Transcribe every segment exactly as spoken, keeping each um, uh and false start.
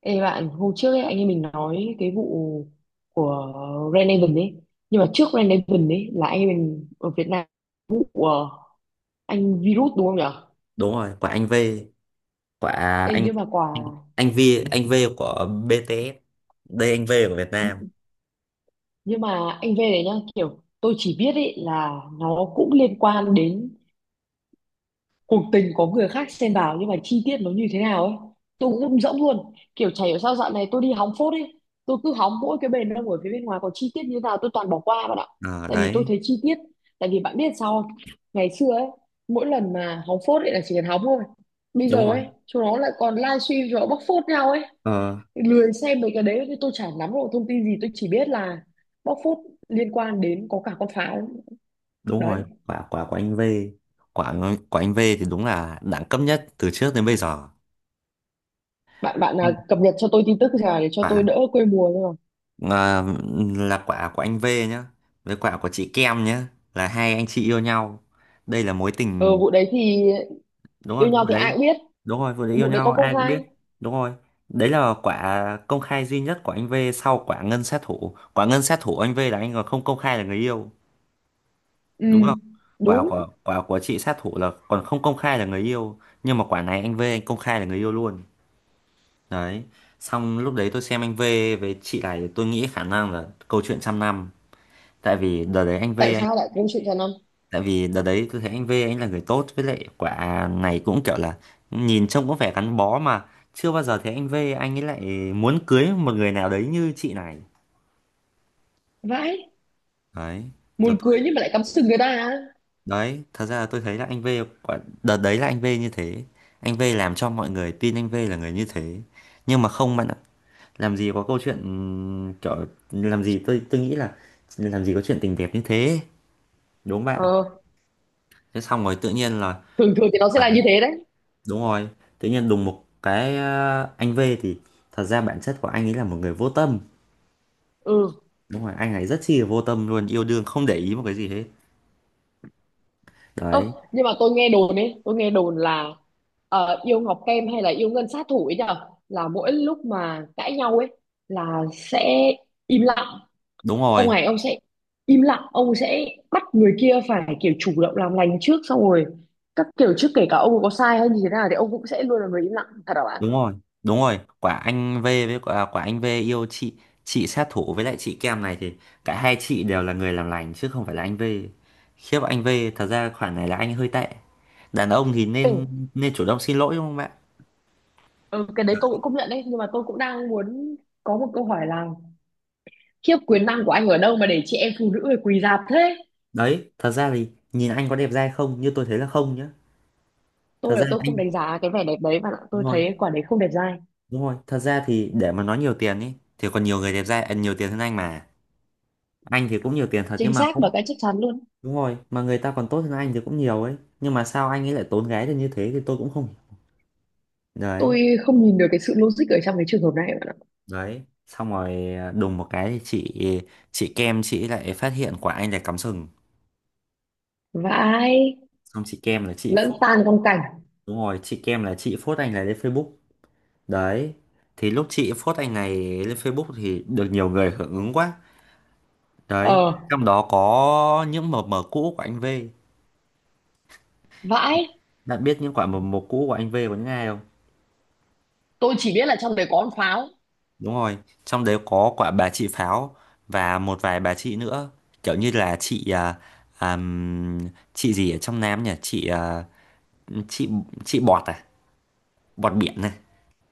Ê bạn, hôm trước ấy, anh em mình nói cái vụ của Red Raven ấy. Nhưng mà trước Red Raven ấy là anh em mình ở Việt Nam vụ ờ, anh virus đúng không nhỉ? Đúng rồi, của anh V. Của Ê, anh nhưng mà quả anh anh V. Anh V của bê tê ét đây, anh V của Việt Nam. nhưng mà anh về đấy nhá, kiểu tôi chỉ biết ấy là nó cũng liên quan đến cuộc tình có người khác xen vào, nhưng mà chi tiết nó như thế nào ấy tôi cũng rung rỗng luôn, kiểu chả hiểu sao dạo này tôi đi hóng phốt ấy, tôi cứ hóng mỗi cái bền đông ở phía bên ngoài, có chi tiết như thế nào tôi toàn bỏ qua bạn ạ. Ờ Tại vì tôi đấy. thấy chi tiết, tại vì bạn biết sao không? Ngày xưa ấy, mỗi lần mà hóng phốt ấy là chỉ cần hóng thôi, bây Đúng giờ rồi. ấy chúng nó lại còn livestream rồi bóc phốt nhau ấy. ờ Lười xem mấy cái đấy thì tôi chả nắm được thông tin gì, tôi chỉ biết là bóc phốt liên quan đến có cả con pháo. Đúng Đấy, rồi, quả quả của anh V. Quả của anh V thì đúng là đẳng cấp nhất từ trước đến bây giờ. bạn bạn Ừ. à, cập nhật cho tôi tin tức nào để cho tôi Quả, đỡ quê mùa thôi mà. à, là quả của anh V nhá, với quả của chị Kem nhá, là hai anh chị yêu nhau, đây là mối Ờ, tình. vụ đấy thì Đúng yêu rồi vụ nhau thì ai đấy. cũng biết. Đúng rồi vụ đấy yêu Vụ đấy có nhau công ai cũng biết. khai. Đúng rồi. Đấy là quả công khai duy nhất của anh V sau quả ngân sát thủ. Quả ngân sát thủ anh V là anh còn không công khai là người yêu, Ừ, đúng không? quả đúng. của quả của chị sát thủ là còn không công khai là người yêu, nhưng mà quả này anh V anh công khai là người yêu luôn. Đấy, xong lúc đấy tôi xem anh V với chị này tôi nghĩ khả năng là câu chuyện trăm năm. tại vì đợt đấy anh V Tại sao lại công sự cho năm? Tại vì đợt đấy tôi thấy anh V anh là người tốt, với lại quả này cũng kiểu là nhìn trông cũng vẻ gắn bó mà, chưa bao giờ thấy anh V anh ấy lại muốn cưới một người nào đấy như chị này. Vãi, Đấy. Rồi muốn cưới tôi nhưng mà lại cắm sừng người ta à? Đấy, thật ra là tôi thấy là anh V, quả đợt đấy là anh V như thế, anh V làm cho mọi người tin anh V là người như thế. Nhưng mà không bạn ạ, làm gì có câu chuyện, ừm, kiểu, làm gì tôi tôi nghĩ là làm gì có chuyện tình đẹp như thế, đúng không bạn? Ờ, Thế xong rồi tự nhiên là... thường thường thì nó sẽ là như thế đấy. Đúng rồi, tự nhiên đùng một cái, ờ, anh V thì thật ra bản chất của anh ấy là một người vô tâm. Ừ. Đúng rồi, anh ấy rất chi là vô tâm luôn, yêu đương không để ý một cái gì hết. Đấy, Ơ, nhưng mà tôi nghe đồn ấy, tôi nghe đồn là ờ, yêu Ngọc Kem hay là yêu Ngân Sát Thủ ấy nhở? Là mỗi lúc mà cãi nhau ấy là sẽ im lặng, đúng ông rồi, này ông sẽ im lặng, ông sẽ bắt người kia phải kiểu chủ động làm lành trước, xong rồi các kiểu trước, kể cả ông có sai hay như thế nào thì ông cũng sẽ luôn là người im lặng, thật hả bạn? đúng rồi, đúng rồi. Quả anh V với quả, quả anh V yêu chị chị sát thủ với lại chị Kem này thì cả hai chị đều là người làm lành chứ không phải là anh V. Khiếp anh V, thật ra khoản này là anh hơi tệ. Đàn ông thì nên, Ừ, nên chủ động xin lỗi đúng không bạn? ừ cái đấy tôi cũng công nhận đấy, nhưng mà tôi cũng đang muốn có một câu hỏi là khiếp, quyền năng của anh ở đâu mà để chị em phụ nữ phải quỳ rạp thế? Đấy, thật ra thì nhìn anh có đẹp trai không? Như tôi thấy là không nhá. Thật Tôi là ra tôi anh, không đánh giá cái vẻ đẹp đấy bạn ạ, đúng tôi rồi. thấy quả đấy không đẹp dai. Đúng rồi, thật ra thì để mà nói nhiều tiền ý thì còn nhiều người đẹp trai à, nhiều tiền hơn anh mà. Anh thì cũng nhiều tiền thật nhưng Chính mà xác, cũng... và cái chắc chắn luôn. đúng rồi, mà người ta còn tốt hơn anh thì cũng nhiều ấy. Nhưng mà sao anh ấy lại tốn gái được như thế thì tôi cũng không hiểu. Đấy, Tôi không nhìn được cái sự logic ở trong cái trường hợp này bạn ạ. đấy. Xong rồi à, đùng một cái thì chị chị Kem chị lại phát hiện quả anh là cắm sừng. Vãi. Xong chị Kem là chị Lẫn phốt. tan trong cảnh. Đúng rồi, chị Kem là chị phốt anh này lên Facebook. Đấy. Thì lúc chị phốt anh này lên Facebook thì được nhiều người hưởng ứng quá. Đấy, Ờ. trong đó có những mờ mờ cũ của anh V. Vãi. Bạn biết những quả mầm mống cũ của anh V có những ai không? Tôi chỉ biết là trong đấy có con pháo. Đúng rồi, trong đấy có quả bà chị Pháo và một vài bà chị nữa. Kiểu như là chị à, àm, chị gì ở trong Nam nhỉ? Chị à, chị chị Bọt à? Bọt biển này.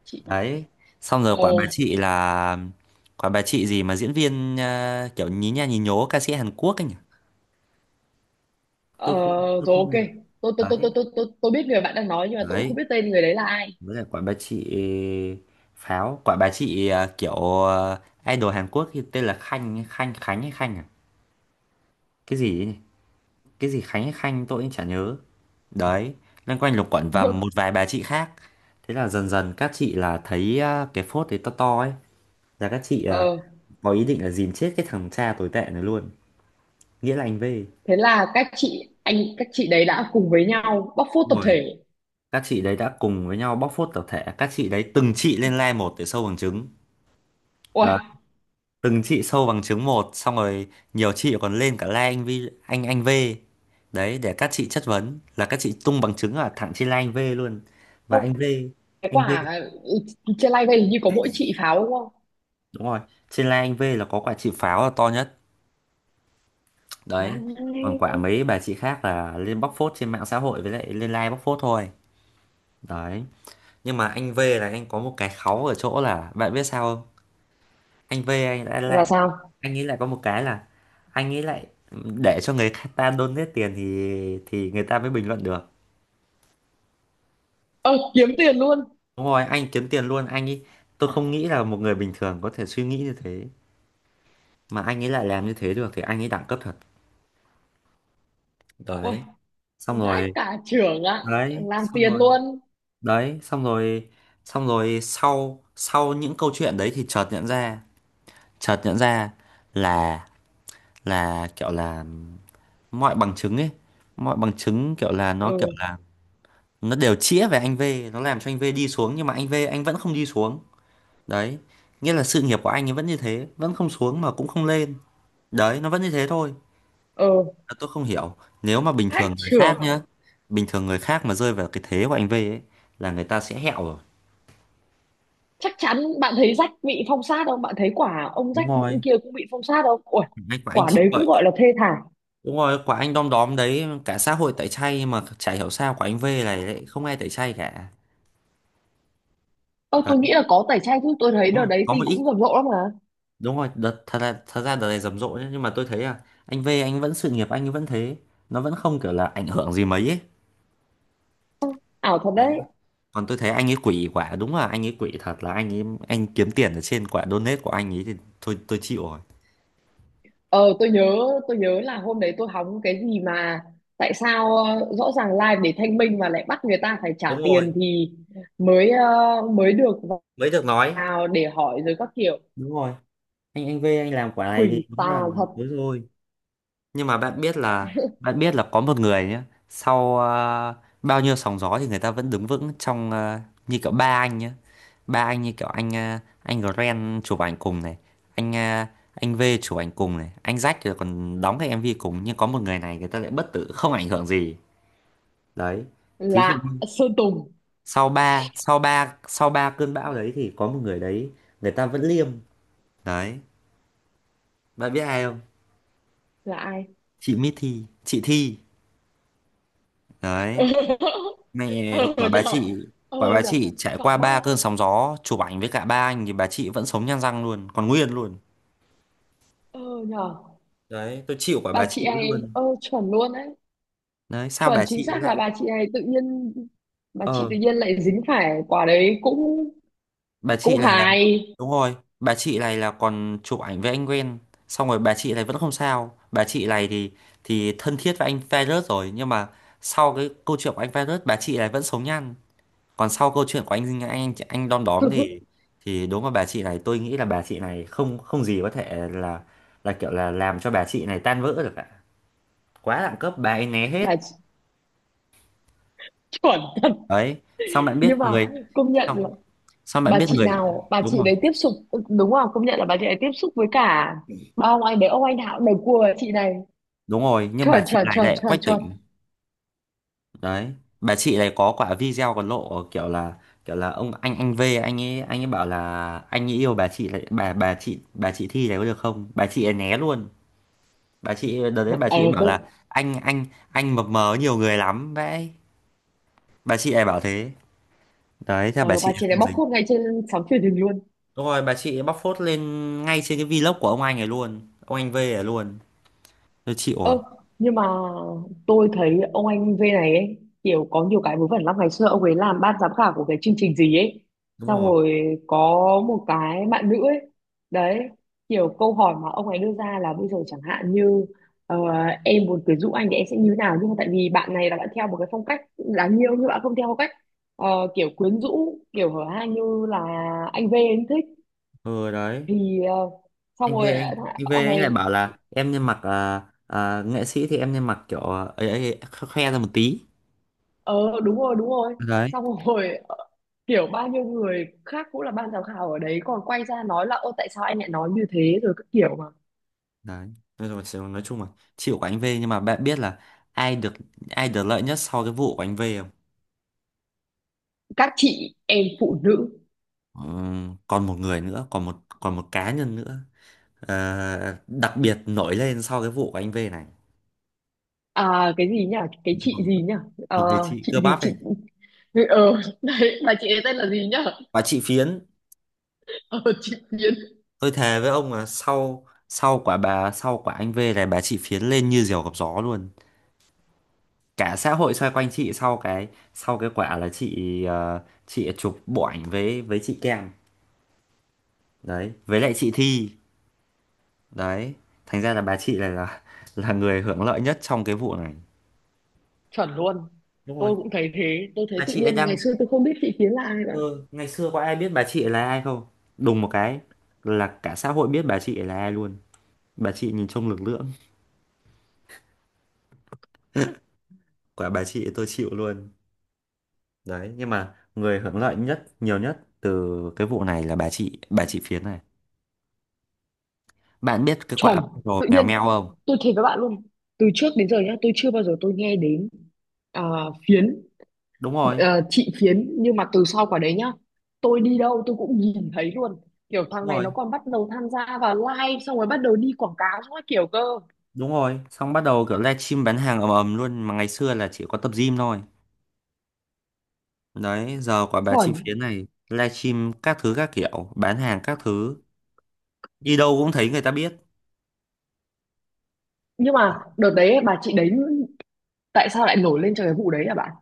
Chị. Đấy. Xong rồi Ồ. quả bà chị là quả bà chị gì mà diễn viên à, kiểu nhí nha nhí nhố ca sĩ Hàn Quốc ấy nhỉ? Ờ, Tôi không... rồi ok. Tôi tôi tôi đấy. tôi tôi tôi tôi biết người bạn đang nói nhưng mà tôi cũng không Đấy, biết tên người đấy là ai. với lại quả bà chị Pháo, quả bà chị à, kiểu à, idol Hàn Quốc thì tên là Khanh Khanh Khánh hay Khanh à? Cái gì ấy nhỉ? Cái gì Khánh hay Khanh tôi cũng chả nhớ. Đấy, loanh quanh lục quận và một vài bà chị khác. Thế là dần dần các chị là thấy à, cái phốt đấy to to ấy, là các chị à, Ờ, có ý định là dìm chết cái thằng cha tồi tệ này luôn, nghĩa là anh V. thế là các chị, anh các chị đấy đã cùng với nhau bóc phốt Đúng tập rồi, thể. các chị đấy đã cùng với nhau bóc phốt tập thể. Các chị đấy từng chị lên like một để sâu bằng chứng. Ôi, Đấy, từng chị sâu bằng chứng một xong rồi nhiều chị còn lên cả like anh V, anh anh V. Đấy, để các chị chất vấn là các chị tung bằng chứng ở thẳng trên like anh V luôn. Và không, anh V cái anh V quả trên live hình như có mỗi chị pháo đúng không? Đúng rồi, trên Lai Anh V là có quả chịu pháo là to nhất. Đấy. Vãi. Còn quả mấy bà chị khác là lên bóc phốt trên mạng xã hội với lại lên live bóc phốt thôi. Đấy. Nhưng mà anh V là anh có một cái kháu ở chỗ là bạn biết sao không? Anh V anh đã Là lại sao? anh nghĩ lại có một cái là, anh nghĩ lại để cho người ta donate tiền thì thì người ta mới bình luận được. Ờ, kiếm tiền luôn. Đúng rồi, anh kiếm tiền luôn anh ý. Tôi không nghĩ là một người bình thường có thể suy nghĩ như thế mà anh ấy lại làm như thế được thì anh ấy đẳng cấp thật. Ôi, Đấy. Xong vãi rồi. cả trưởng ạ, Đấy, làm xong tiền rồi, luôn. đấy xong rồi, xong rồi sau sau những câu chuyện đấy thì chợt nhận ra, chợt nhận ra là là kiểu là mọi bằng chứng ấy, mọi bằng chứng kiểu là nó kiểu Ừ, là nó đều chĩa về anh V, nó làm cho anh V đi xuống nhưng mà anh V anh vẫn không đi xuống. Đấy, nghĩa là sự nghiệp của anh ấy vẫn như thế, vẫn không xuống mà cũng không lên. Đấy, nó vẫn như thế thôi. ừ, Là tôi không hiểu. Nếu mà bình vãi thường người khác trưởng. nhá, bình thường người khác mà rơi vào cái thế của anh V ấy là người ta sẽ hẹo rồi. Chắc chắn. Bạn thấy rách bị phong sát không? Bạn thấy quả ông Đúng rách rồi, kia cũng bị phong sát không? Ui, anh của anh quả chín. đấy cũng gọi là thê thảm. Đúng rồi, quả anh đom đóm đấy, cả xã hội tẩy chay mà chả hiểu sao quả anh V này lại không ai tẩy chay cả. Ờ tôi Đấy, nghĩ là có tẩy chay chứ, tôi thấy đúng đợt rồi, đấy có một tin ít, cũng rầm rộ lắm mà. đúng rồi, đợt, thật là thật ra đợt này rầm rộ nhá, nhưng mà tôi thấy là anh V anh vẫn sự nghiệp anh ấy vẫn thế, nó vẫn không kiểu là ảnh hưởng gì mấy ấy. Ảo thật đấy. Còn tôi thấy anh ấy quỷ quả, đúng là anh ấy quỷ thật là anh ấy, anh kiếm tiền ở trên quả donate của anh ấy thì thôi tôi chịu rồi. Ờ tôi nhớ, tôi nhớ là hôm đấy tôi hóng cái gì mà tại sao, ờ, rõ ràng live để thanh minh mà lại bắt người ta phải trả Đúng rồi, tiền thì mới, ờ, mới được mới được nói. vào để hỏi rồi các kiểu. Đúng rồi, anh anh V anh làm quả này Quỷ thì đúng tà là... thật. đúng rồi. Nhưng mà bạn biết là, bạn biết là có một người nhé, sau ờ, bao nhiêu sóng gió thì người ta vẫn đứng vững trong, ờ, như kiểu ba anh nhé, ba anh như kiểu anh, ờ, anh Ren chụp ảnh cùng này, anh, ờ, anh V chụp ảnh cùng này, anh Jack thì còn đóng cái em vê cùng, nhưng có một người này người ta lại bất tử không ảnh hưởng gì. Đấy, thí dụ Là như, Sơn Tùng sau ba sau ba sau ba cơn bão đấy thì có một người đấy người ta vẫn liêm. Đấy, bạn biết ai không? là ai? Chị Mithy, chị Thi. Đấy, Ờ mẹ quả bà nhở. chị. Ờ Quả bà nhở. chị trải Cả qua ba. ba cơn sóng gió chụp ảnh với cả ba anh thì bà chị vẫn sống nhăn răng luôn, còn nguyên luôn. Ờ nhờ. Đấy, tôi chịu quả Bà bà chị chị ấy ấy luôn. ờ chuẩn luôn đấy. Đấy, sao Chuẩn, bà chính chị ấy xác lại... là bà chị ấy tự nhiên, bà chị ờ tự nhiên lại dính phải quả đấy cũng bà cũng chị này là, hài. đúng rồi bà chị này là còn chụp ảnh với anh quen, xong rồi bà chị này vẫn không sao. Bà chị này thì thì thân thiết với anh virus rồi, nhưng mà sau cái câu chuyện của anh virus bà chị này vẫn sống nhăn. Còn sau câu chuyện của anh anh anh đom đóm thì, thì đúng là bà chị này, tôi nghĩ là bà chị này không, không gì có thể là là kiểu là làm cho bà chị này tan vỡ được cả. Quá đẳng cấp, bà ấy né hết. Bà chị, chuẩn thật. Đấy. xong bạn biết Nhưng mà người công xong nhận là xong bạn bà biết chị người, nào bà đúng chị rồi. đấy tiếp xúc, đúng là công nhận là bà chị ấy tiếp xúc với cả ba ông anh đấy, ông anh nào cũng đều cua chị này. Đúng rồi, nhưng bà Chuẩn chị chuẩn này chuẩn lại chuẩn quách chuẩn. tỉnh. Đấy. Bà chị này có quả video còn lộ kiểu là, kiểu là ông anh anh V anh ấy, anh ấy bảo là anh ấy yêu bà chị này, bà, bà chị bà chị Thi này có được không, bà chị ấy né luôn. Bà chị đợt đấy bà Ờ chị bảo tôi. là, anh anh anh mập mờ nhiều người lắm vậy, bà chị ấy bảo thế. Đấy, theo bà Ờ, chị bà ấy chị này không bóc dính. phốt ngay trên sóng truyền hình luôn. Đúng rồi, bà chị ấy bóc phốt lên ngay trên cái vlog của ông anh ấy luôn, ông anh V ấy luôn. Tôi chịu rồi. Ơ, nhưng mà tôi thấy ông anh V này ấy, kiểu có nhiều cái vớ vẩn lắm, ngày xưa ông ấy làm ban giám khảo của cái chương trình gì ấy, Đúng xong rồi. rồi có một cái bạn nữ ấy, đấy, kiểu câu hỏi mà ông ấy đưa ra là bây giờ chẳng hạn như ờ, em muốn quyến rũ anh thì em sẽ như thế nào, nhưng mà tại vì bạn này là bạn theo một cái phong cách đáng yêu nhưng bạn không theo phong cách ờ, kiểu quyến rũ kiểu hở hang như là anh V anh thích, Ừ đấy. thì ờ, xong anh V rồi anh, ờ, thằng- Anh V ông anh lại ấy, bảo là em nên mặc, à, à, nghệ sĩ thì em nên mặc kiểu, à, ấy, ấy, kh- khoe ra một tí. ờ đúng rồi đúng rồi, Đấy, xong rồi kiểu bao nhiêu người khác cũng là ban giám khảo ở đấy còn quay ra nói là ô tại sao anh lại nói như thế rồi các kiểu mà. đấy. Nói chung là, nói chung là chịu của anh V. Nhưng mà bạn biết là ai được, ai được lợi nhất sau cái vụ của anh V? Các chị em phụ nữ. Ờ, còn một người nữa, còn một, còn một cá nhân nữa, ờ, đặc biệt nổi lên sau cái vụ của anh V này. À, cái gì nhỉ, cái chị Một, gì nhỉ. Ờ, một người chị chị cơ gì bắp chị. này. Ờ đấy mà chị ấy tên là gì nhỉ? Bà chị Phiến. Ờ, chị Yến. Tôi thề với ông là sau, sau quả bà sau quả anh V này bà chị Phiến lên như diều gặp gió luôn. Cả xã hội xoay quanh chị, sau cái, sau cái quả là chị, ờ, chị chụp bộ ảnh với với chị Kem. Đấy, với lại chị Thi. Đấy, thành ra là bà chị này là là người hưởng lợi nhất trong cái vụ này. Chuẩn luôn, Đúng rồi, tôi cũng thấy thế, tôi thấy bà tự chị ấy nhiên ngày đăng... xưa tôi không biết chị Yến là ai cả. Ừ, ngày xưa có ai biết bà chị là ai không? Đùng một cái là cả xã hội biết bà chị là ai luôn. Bà chị nhìn trông lực lưỡng, quả bà chị tôi chịu luôn. Đấy, nhưng mà người hưởng lợi nhất, nhiều nhất từ cái vụ này là bà chị, bà chị Phiến này. Bạn biết cái quả Chuẩn, rồi tự mèo nhiên meo không? tôi thấy với bạn luôn, từ trước đến giờ nhá tôi chưa bao giờ tôi nghe đến, à, Phiến, Đúng rồi, ờ, thị phiến, nhưng mà từ sau quả đấy nhá tôi đi đâu tôi cũng nhìn thấy luôn, kiểu đúng thằng này rồi, nó còn bắt đầu tham gia vào live xong rồi bắt đầu đi quảng cáo các kiểu cơ. đúng rồi. Xong bắt đầu kiểu livestream bán hàng ầm ầm luôn mà ngày xưa là chỉ có tập gym thôi. Đấy, giờ quả bà chị Chuẩn. Phiến này livestream các thứ các kiểu, bán hàng các thứ, đi đâu cũng thấy người ta biết. Nhưng mà đợt đấy bà chị đấy tại sao lại nổi lên cho cái vụ đấy à bạn?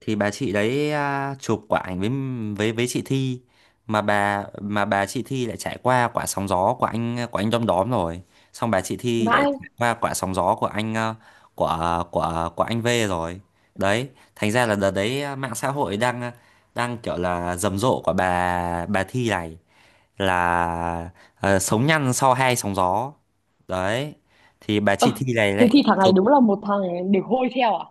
Thì bà chị đấy à, chụp quả ảnh với, với với chị Thi, mà bà mà bà chị Thi lại trải qua quả sóng gió của anh của anh Đom Đóm rồi. Xong bà chị Thi lại Vãi. trải qua quả sóng gió của anh à, của của của anh V rồi. Đấy, thành ra là đợt đấy à, mạng xã hội đang à, đang kiểu là rầm rộ của bà bà Thi này là, ờ, sống nhăn sau hai sóng gió. Đấy, thì bà chị Ờ, Thi này thế lại thì thằng này chụp... đúng là một thằng để hôi theo à.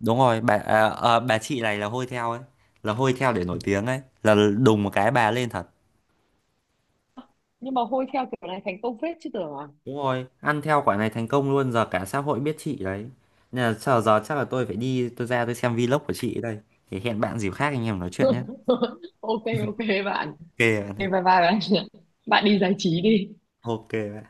Đúng rồi, bà, à, à, bà chị này là hôi theo ấy, là hôi theo để nổi tiếng ấy, là đùng một cái bà lên thật. Nhưng mà hôi theo kiểu này thành công phết chứ tưởng à. Đúng rồi, ăn theo quả này thành công luôn, giờ cả xã hội biết chị đấy. Nên là giờ, giờ chắc là tôi phải đi, tôi ra tôi xem vlog của chị đây. Thì hẹn bạn dịp khác anh em nói chuyện nhé. Ok ok bạn. Ok bạn ơi. Thế bye bye bạn, bạn đi giải trí đi. Ok bạn.